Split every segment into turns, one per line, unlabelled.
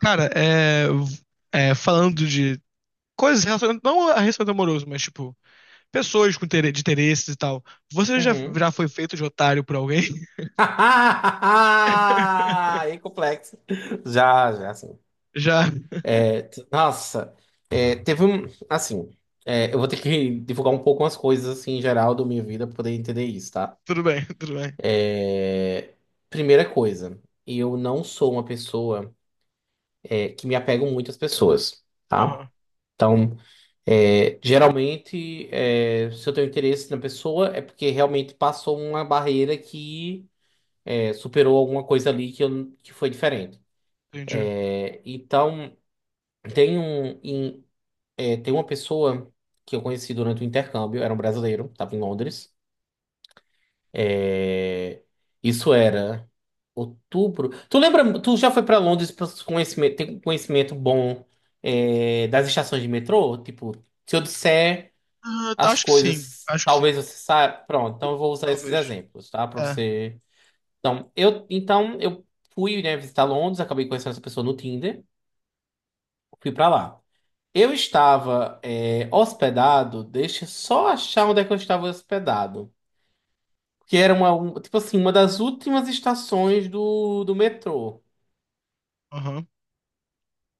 Cara, é, falando de coisas relacionadas, não a relacionamento amoroso, mas tipo, pessoas com de interesses e tal. Você já,
Uhum.
já foi feito de otário por alguém?
E complexo. Já, já, assim.
Já?
Nossa, teve um. Assim, eu vou ter que divulgar um pouco umas coisas, assim, em geral da minha vida pra poder entender isso, tá?
Tudo bem, tudo bem.
É, primeira coisa, eu não sou uma pessoa, que me apego muito às pessoas, tá?
Aham,
Então, geralmente, se eu tenho interesse na pessoa, é porque realmente passou uma barreira que superou alguma coisa ali que, eu, que foi diferente.
entendi.
É, então, tem um, em- é, tem uma pessoa que eu conheci durante o intercâmbio, era um brasileiro, estava em Londres. É, isso era outubro. Tu lembra, tu já foi para Londres pra conhecimento, tem conhecimento bom das estações de metrô? Tipo, se eu disser
Ah,
as
acho que sim,
coisas,
acho que sim.
talvez você saiba. Pronto, então eu
Sim,
vou usar esses
talvez.
exemplos, tá? Para
É,
você. Então, eu fui, né, visitar Londres, acabei conhecendo essa pessoa no Tinder. Fui pra lá. Eu estava hospedado, deixa eu só achar onde é que eu estava hospedado. Que era tipo assim, uma das últimas estações do metrô.
aham.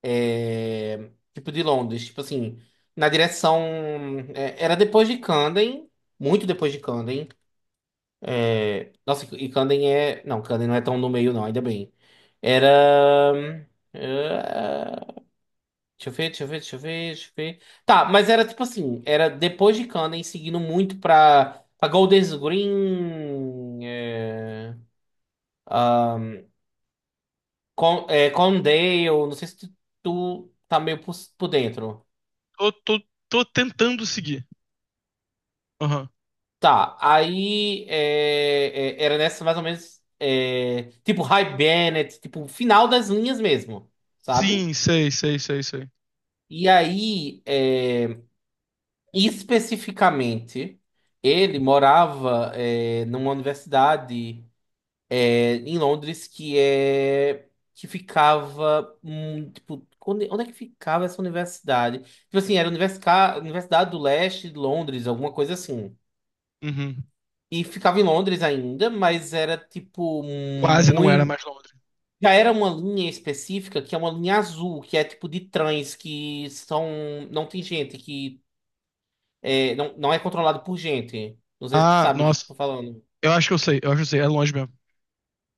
Tipo de Londres, tipo assim, na direção. Era depois de Camden, muito depois de Camden. É, nossa, e Camden é. Não, Camden não é tão no meio, não, ainda bem. Era. é, Deixa eu ver, deixa eu ver, deixa eu ver, deixa eu ver. Tá, mas era tipo assim, era depois de Kanen, seguindo muito pra Golders Green, ahn, Condale, não sei se tu, tu tá meio por dentro.
Tô, tô, tô tentando seguir. Aham.
Tá, aí era nessa mais ou menos, tipo High Bennett, tipo final das linhas mesmo, sabe?
Sim, sei.
E aí, especificamente, ele morava numa universidade em Londres que é que ficava tipo onde, onde é que ficava essa universidade? Tipo assim, era Universidade do Leste de Londres, alguma coisa assim.
Uhum.
E ficava em Londres ainda, mas era tipo
Quase não era
muito.
mais Londres.
Já era uma linha específica que é uma linha azul, que é tipo de trens que são. Não tem gente, que não é controlado por gente. Não sei se tu
Ah,
sabe o que que
nossa.
eu tô falando.
Eu acho que eu sei, eu acho que eu sei. É longe mesmo.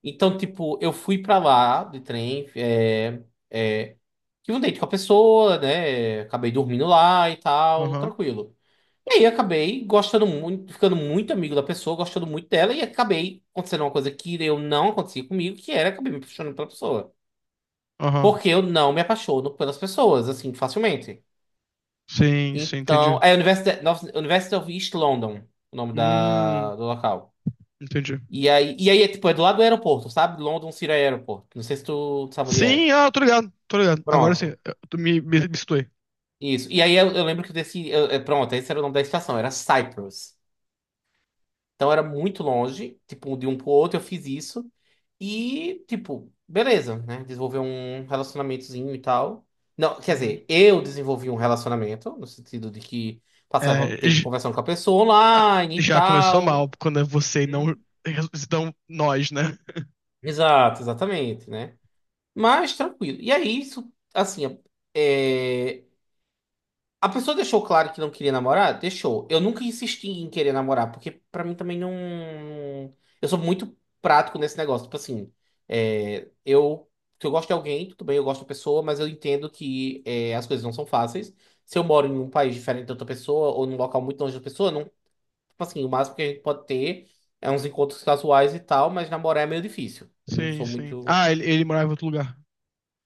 Então, tipo, eu fui pra lá de trem, é, tive um date com a pessoa, né? Acabei dormindo lá e tal,
Aham,
tranquilo. E aí acabei gostando muito, ficando muito amigo da pessoa, gostando muito dela, e acabei acontecendo uma coisa que eu não acontecia comigo, que era acabei me apaixonando pela pessoa.
aham.
Porque eu não me apaixono pelas pessoas, assim, facilmente.
Sim,
Então,
entendi.
é University of East London, o nome
Hum,
do local.
entendi.
E aí é tipo, é do lado do aeroporto, sabe? London City Airport. Não sei se tu sabe onde
Sim,
é.
ah, tô ligado. Agora sim,
Pronto.
tu me situei.
Isso. E aí eu lembro que desse. Pronto, esse era o nome da estação, era Cyprus. Então era muito longe, tipo, um de um pro outro, eu fiz isso. E, tipo, beleza, né? Desenvolver um relacionamentozinho e tal. Não, quer
Uhum.
dizer, eu desenvolvi um relacionamento, no sentido de que
É,
passava tempo
j-
conversando com a pessoa
ah,
online e
já começou mal
tal.
quando é você e
Hum.
não nós, né?
Exato, exatamente, né? Mas tranquilo. E aí, isso, assim, é. A pessoa deixou claro que não queria namorar? Deixou. Eu nunca insisti em querer namorar, porque pra mim também não. Eu sou muito prático nesse negócio. Tipo assim, eu. Se eu gosto de alguém, tudo bem, eu gosto da pessoa, mas eu entendo que é, as coisas não são fáceis. Se eu moro em um país diferente da outra pessoa, ou num local muito longe da pessoa, não. Tipo assim, o máximo que a gente pode ter é uns encontros casuais e tal, mas namorar é meio difícil. Eu não
Sim,
sou
sim.
muito.
Ah, ele morava em outro lugar.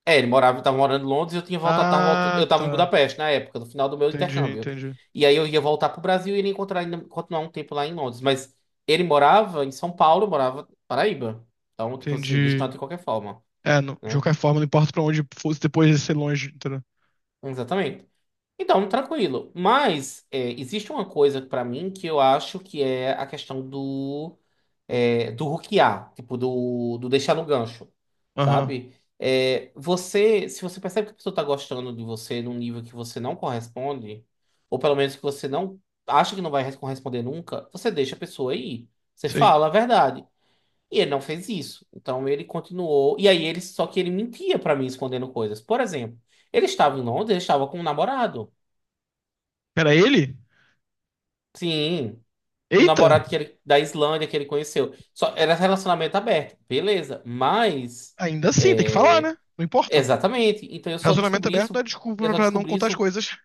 É, ele morava, eu tava morando em Londres, eu tinha voltado, tava voltando,
Ah,
eu tava em
tá.
Budapeste na época, no final do meu
Entendi,
intercâmbio.
entendi.
E aí eu ia voltar pro Brasil e iria encontrar ainda, continuar um tempo lá em Londres, mas ele morava em São Paulo, eu morava em Paraíba. Então, tipo assim,
Entendi.
distante de qualquer forma,
É, de
né?
qualquer forma, não importa pra onde fosse depois de ser longe, entendeu?
Exatamente. Então, tranquilo. Mas é, existe uma coisa pra mim que eu acho que é a questão do do hookear, tipo do deixar no gancho,
Aham,
sabe? É, você, se você percebe que a pessoa tá gostando de você num nível que você não corresponde, ou pelo menos que você não acha que não vai corresponder nunca, você deixa a pessoa ir. Você
sei.
fala a verdade. E ele não fez isso. Então ele continuou. E aí ele só que ele mentia pra mim escondendo coisas. Por exemplo, ele estava em Londres, ele estava com um namorado.
Era ele?
Sim, um
Eita!
namorado que ele, da Islândia que ele conheceu. Só era relacionamento aberto, beleza. Mas
Ainda assim, tem que falar,
é,
né? Não importa.
exatamente. Então eu só
Relacionamento
descobri
aberto não
isso,
é
eu
desculpa
só
pra não
descobri
contar as
isso,
coisas.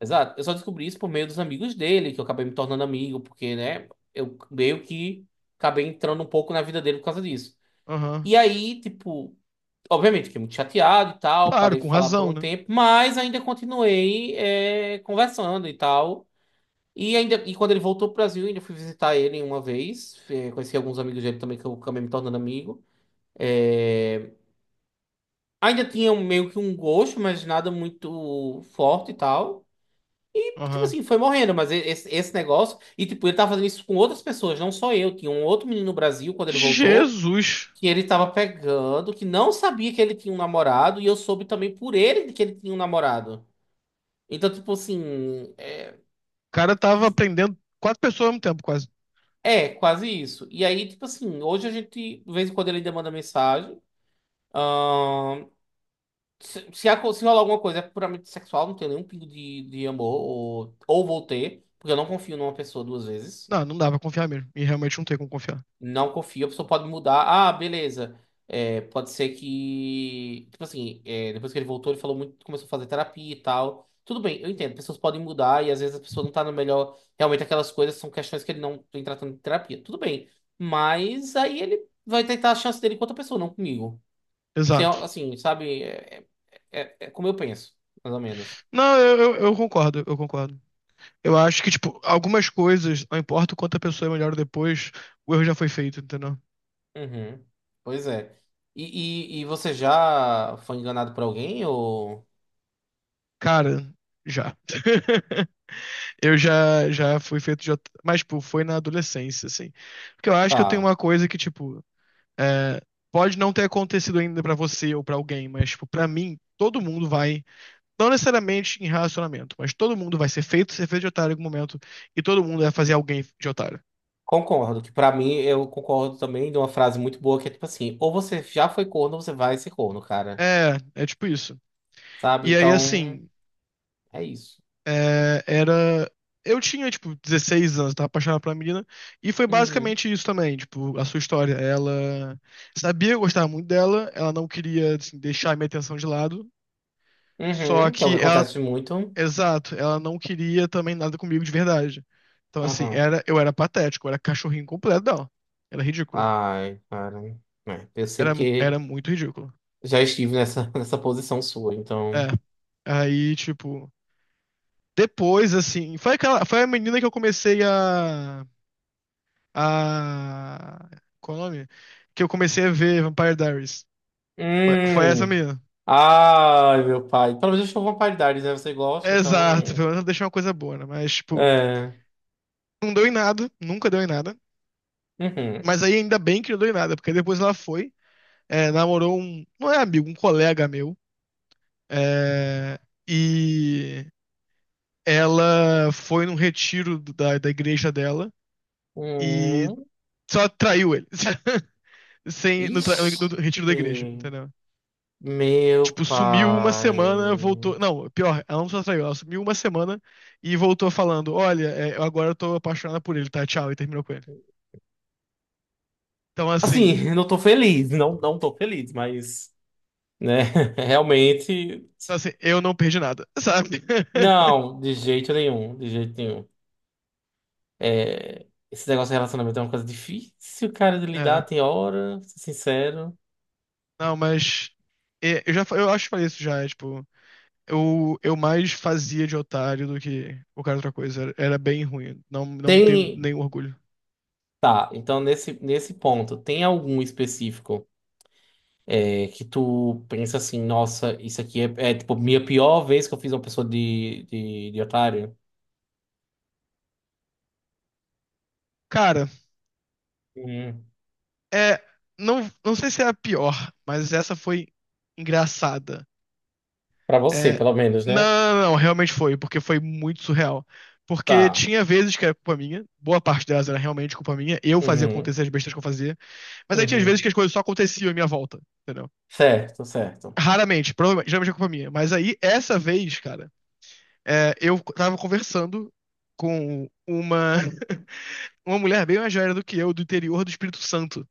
exato. Eu só descobri isso por meio dos amigos dele, que eu acabei me tornando amigo, porque, né, eu meio que acabei entrando um pouco na vida dele por causa disso.
Aham.
E aí, tipo, obviamente, fiquei muito chateado e tal,
Claro,
parei de
com
falar por um
razão, né?
tempo, mas ainda continuei conversando e tal. E quando ele voltou pro Brasil, eu ainda fui visitar ele uma vez. Conheci alguns amigos dele também que eu acabei me tornando amigo. Eh, Ainda tinha meio que um gosto, mas nada muito forte e tal. E, tipo
Aham.
assim, foi morrendo, mas esse negócio. E tipo, ele tava fazendo isso com outras pessoas, não só eu. Tinha um outro menino no Brasil quando ele voltou.
Jesus!
Que ele tava pegando, que não sabia que ele tinha um namorado, e eu soube também por ele que ele tinha um namorado. Então, tipo assim, é.
O cara tava aprendendo quatro pessoas ao mesmo tempo, quase.
É, quase isso. E aí, tipo assim, hoje a gente, de vez em quando ele ainda manda mensagem. Ahn, se, se, se rolar alguma coisa é puramente sexual, não tenho nenhum pingo de amor, ou vou ter, porque eu não confio numa pessoa duas vezes.
Não, não dá pra confiar mesmo. E realmente não tem como confiar.
Não confio, a pessoa pode mudar. Ah, beleza. É, pode ser que. Tipo assim, Depois que ele voltou, ele falou muito, começou a fazer terapia e tal. Tudo bem, eu entendo, pessoas podem mudar e às vezes a pessoa não tá no melhor. Realmente aquelas coisas são questões que ele não tem tratando de terapia. Tudo bem. Mas aí ele vai tentar a chance dele com outra pessoa, não comigo. Assim,
Exato.
ó, assim, sabe? É como eu penso, mais ou menos.
Não, eu concordo, eu concordo. Eu acho que, tipo, algumas coisas, não importa o quanto a pessoa é melhor depois, o erro já foi feito, entendeu?
Uhum. Pois é. E você já foi enganado por alguém ou.
Cara, já. Eu já fui feito de. Mas, tipo, foi na adolescência, assim. Porque eu acho que eu tenho
Tá.
uma coisa que, tipo, é, pode não ter acontecido ainda pra você ou pra alguém, mas, tipo, pra mim, todo mundo vai. Não necessariamente em relacionamento, mas todo mundo vai ser feito de otário em algum momento. E todo mundo vai fazer alguém de otário.
Concordo, que pra mim eu concordo também de uma frase muito boa que é tipo assim, ou você já foi corno, ou você vai ser corno, cara.
É, é tipo isso.
Sabe?
E aí,
Então,
assim.
é isso.
É, era. Eu tinha, tipo, 16 anos, tava apaixonado pela menina. E foi
Uhum.
basicamente isso também, tipo, a sua história. Ela sabia que eu gostava muito dela, ela não queria, assim, deixar a minha atenção de lado. Só
Uhum. Que é o que
que ela.
acontece muito.
Exato, ela não queria também nada comigo de verdade. Então, assim,
Uhum.
era, eu era patético, eu era cachorrinho completo dela. Era ridículo.
Ai, cara. É, eu sei
Era
porque
muito ridículo.
já estive nessa, nessa posição sua,
É.
então.
Aí, tipo. Depois, assim. Foi, aquela, foi a menina que eu comecei a. Qual o nome? Que eu comecei a ver Vampire Diaries. Foi essa
Hum.
menina.
Ai, meu pai. Pelo menos eu estou com uma paridade, né? Você gosta,
Exato,
então.
pelo menos deixou uma coisa boa, né? Mas, tipo,
É.
não deu em nada, nunca deu em nada.
Uhum.
Mas aí ainda bem que não deu em nada, porque depois ela foi, é, namorou um. Não é amigo, um colega meu. É, e ela foi num retiro da igreja dela e
Uhum.
só traiu ele. Sem, no, no retiro da igreja,
Ixi.
entendeu?
Meu
Tipo, sumiu uma semana,
pai.
voltou. Não, pior, ela não só saiu, ela sumiu uma semana e voltou falando: Olha, é, eu agora tô apaixonada por ele, tá? Tchau, e terminou com ele. Então, assim,
Assim, não tô feliz, não, não tô feliz, mas, né, realmente,
então, assim eu não perdi nada, sabe?
não, de jeito nenhum, de jeito nenhum. É, esse negócio de relacionamento é uma coisa difícil, cara, de
É,
lidar, tem hora, vou ser sincero.
não, mas. É, eu acho que falei isso já, é, tipo. Eu mais fazia de otário do que qualquer outra coisa. Era bem ruim. Não, não tenho
Tem,
nenhum orgulho.
tá, então nesse ponto, tem algum específico que tu pensa assim, nossa, isso aqui é tipo, minha pior vez que eu fiz uma pessoa de otário?
Cara,
Hum,
é. Não sei se é a pior, mas essa foi engraçada.
pra você,
É,
pelo menos,
não,
né?
não, não, realmente foi, porque foi muito surreal. Porque
Tá.
tinha vezes que era culpa minha, boa parte delas era realmente culpa minha, eu fazia
Uhum,
acontecer as besteiras que eu fazia, mas aí tinha
uhum.
vezes que as coisas só aconteciam em minha volta, entendeu?
Certo, certo.
Raramente, provavelmente, geralmente é culpa minha. Mas aí, essa vez, cara, é, eu tava conversando com uma, uma mulher bem mais velha do que eu, do interior do Espírito Santo.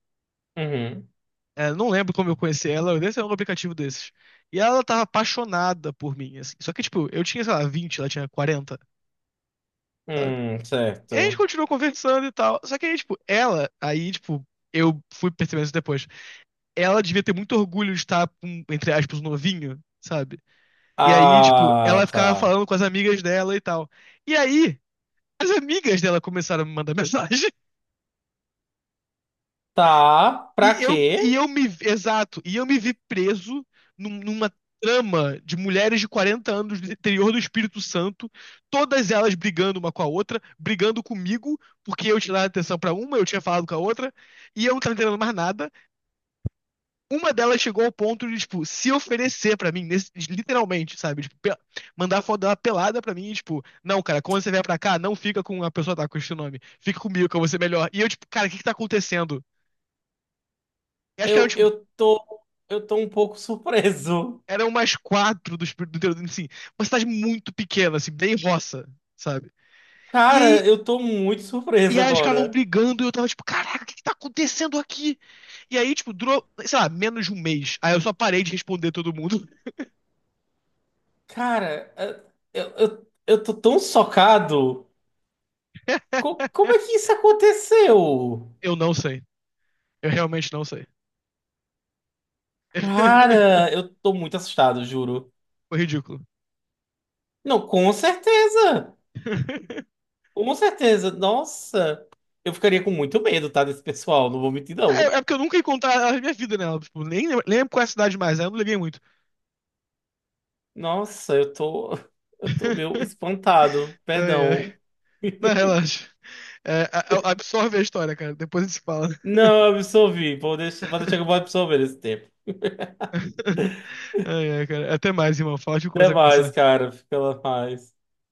Uhum,
É, não lembro como eu conheci ela, eu nem sei um aplicativo desses. E ela tava apaixonada por mim, assim. Só que, tipo, eu tinha, sei lá, 20 ela tinha 40. E a gente
certo.
continuou conversando e tal. Só que aí, tipo, eu fui percebendo isso depois. Ela devia ter muito orgulho de estar, com, entre aspas, um novinho, sabe? E aí, tipo, ela
Ah,
ficava
tá.
falando com as amigas dela e tal. E aí, as amigas dela começaram a me mandar mensagem.
Tá, pra quê?
Exato, e eu me vi preso numa trama de mulheres de 40 anos do interior do Espírito Santo, todas elas brigando uma com a outra, brigando comigo, porque eu tinha dado atenção pra uma, eu tinha falado com a outra, e eu não tava entendendo mais nada. Uma delas chegou ao ponto de, tipo, se oferecer pra mim, literalmente, sabe? Tipo, mandar foto dela pelada pra mim, e, tipo, não, cara, quando você vier pra cá, não fica com a pessoa que tá com esse nome, fica comigo, que eu vou ser melhor. E eu, tipo, cara, o que que tá acontecendo? Eu acho que era,
Eu,
tipo,
eu tô, eu tô um pouco surpreso.
eram mais quatro do espírito do interior, assim, uma cidade muito pequena, assim, bem roça, sabe? E
Cara,
aí,
eu tô muito
e
surpreso
aí eles ficavam
agora.
brigando e eu tava tipo, caraca, o que que tá acontecendo aqui? E aí, tipo, durou, sei lá, menos de um mês. Aí eu só parei de responder todo mundo.
Cara, eu tô tão socado. Como é que isso aconteceu?
Eu não sei. Eu realmente não sei.
Cara, eu tô muito assustado, juro.
Foi ridículo.
Não, com certeza. Com certeza, nossa, eu ficaria com muito medo, tá, desse pessoal, não vou mentir
É,
não.
é porque eu nunca encontrei contar a minha vida nela. Tipo, nem lembro qual é a cidade mais, aí eu não liguei muito.
Nossa, eu tô, eu tô meio espantado,
Ai, ai.
perdão.
Não, relaxa. É, absorve a história, cara. Depois a gente se fala.
Não, eu absorvi, vou deixar que eu vou absorver esse tempo.
Ai, ai, cara. Até mais, irmão. Foi ótimo
Até
conversar com
mais,
você.
cara, fica lá mais.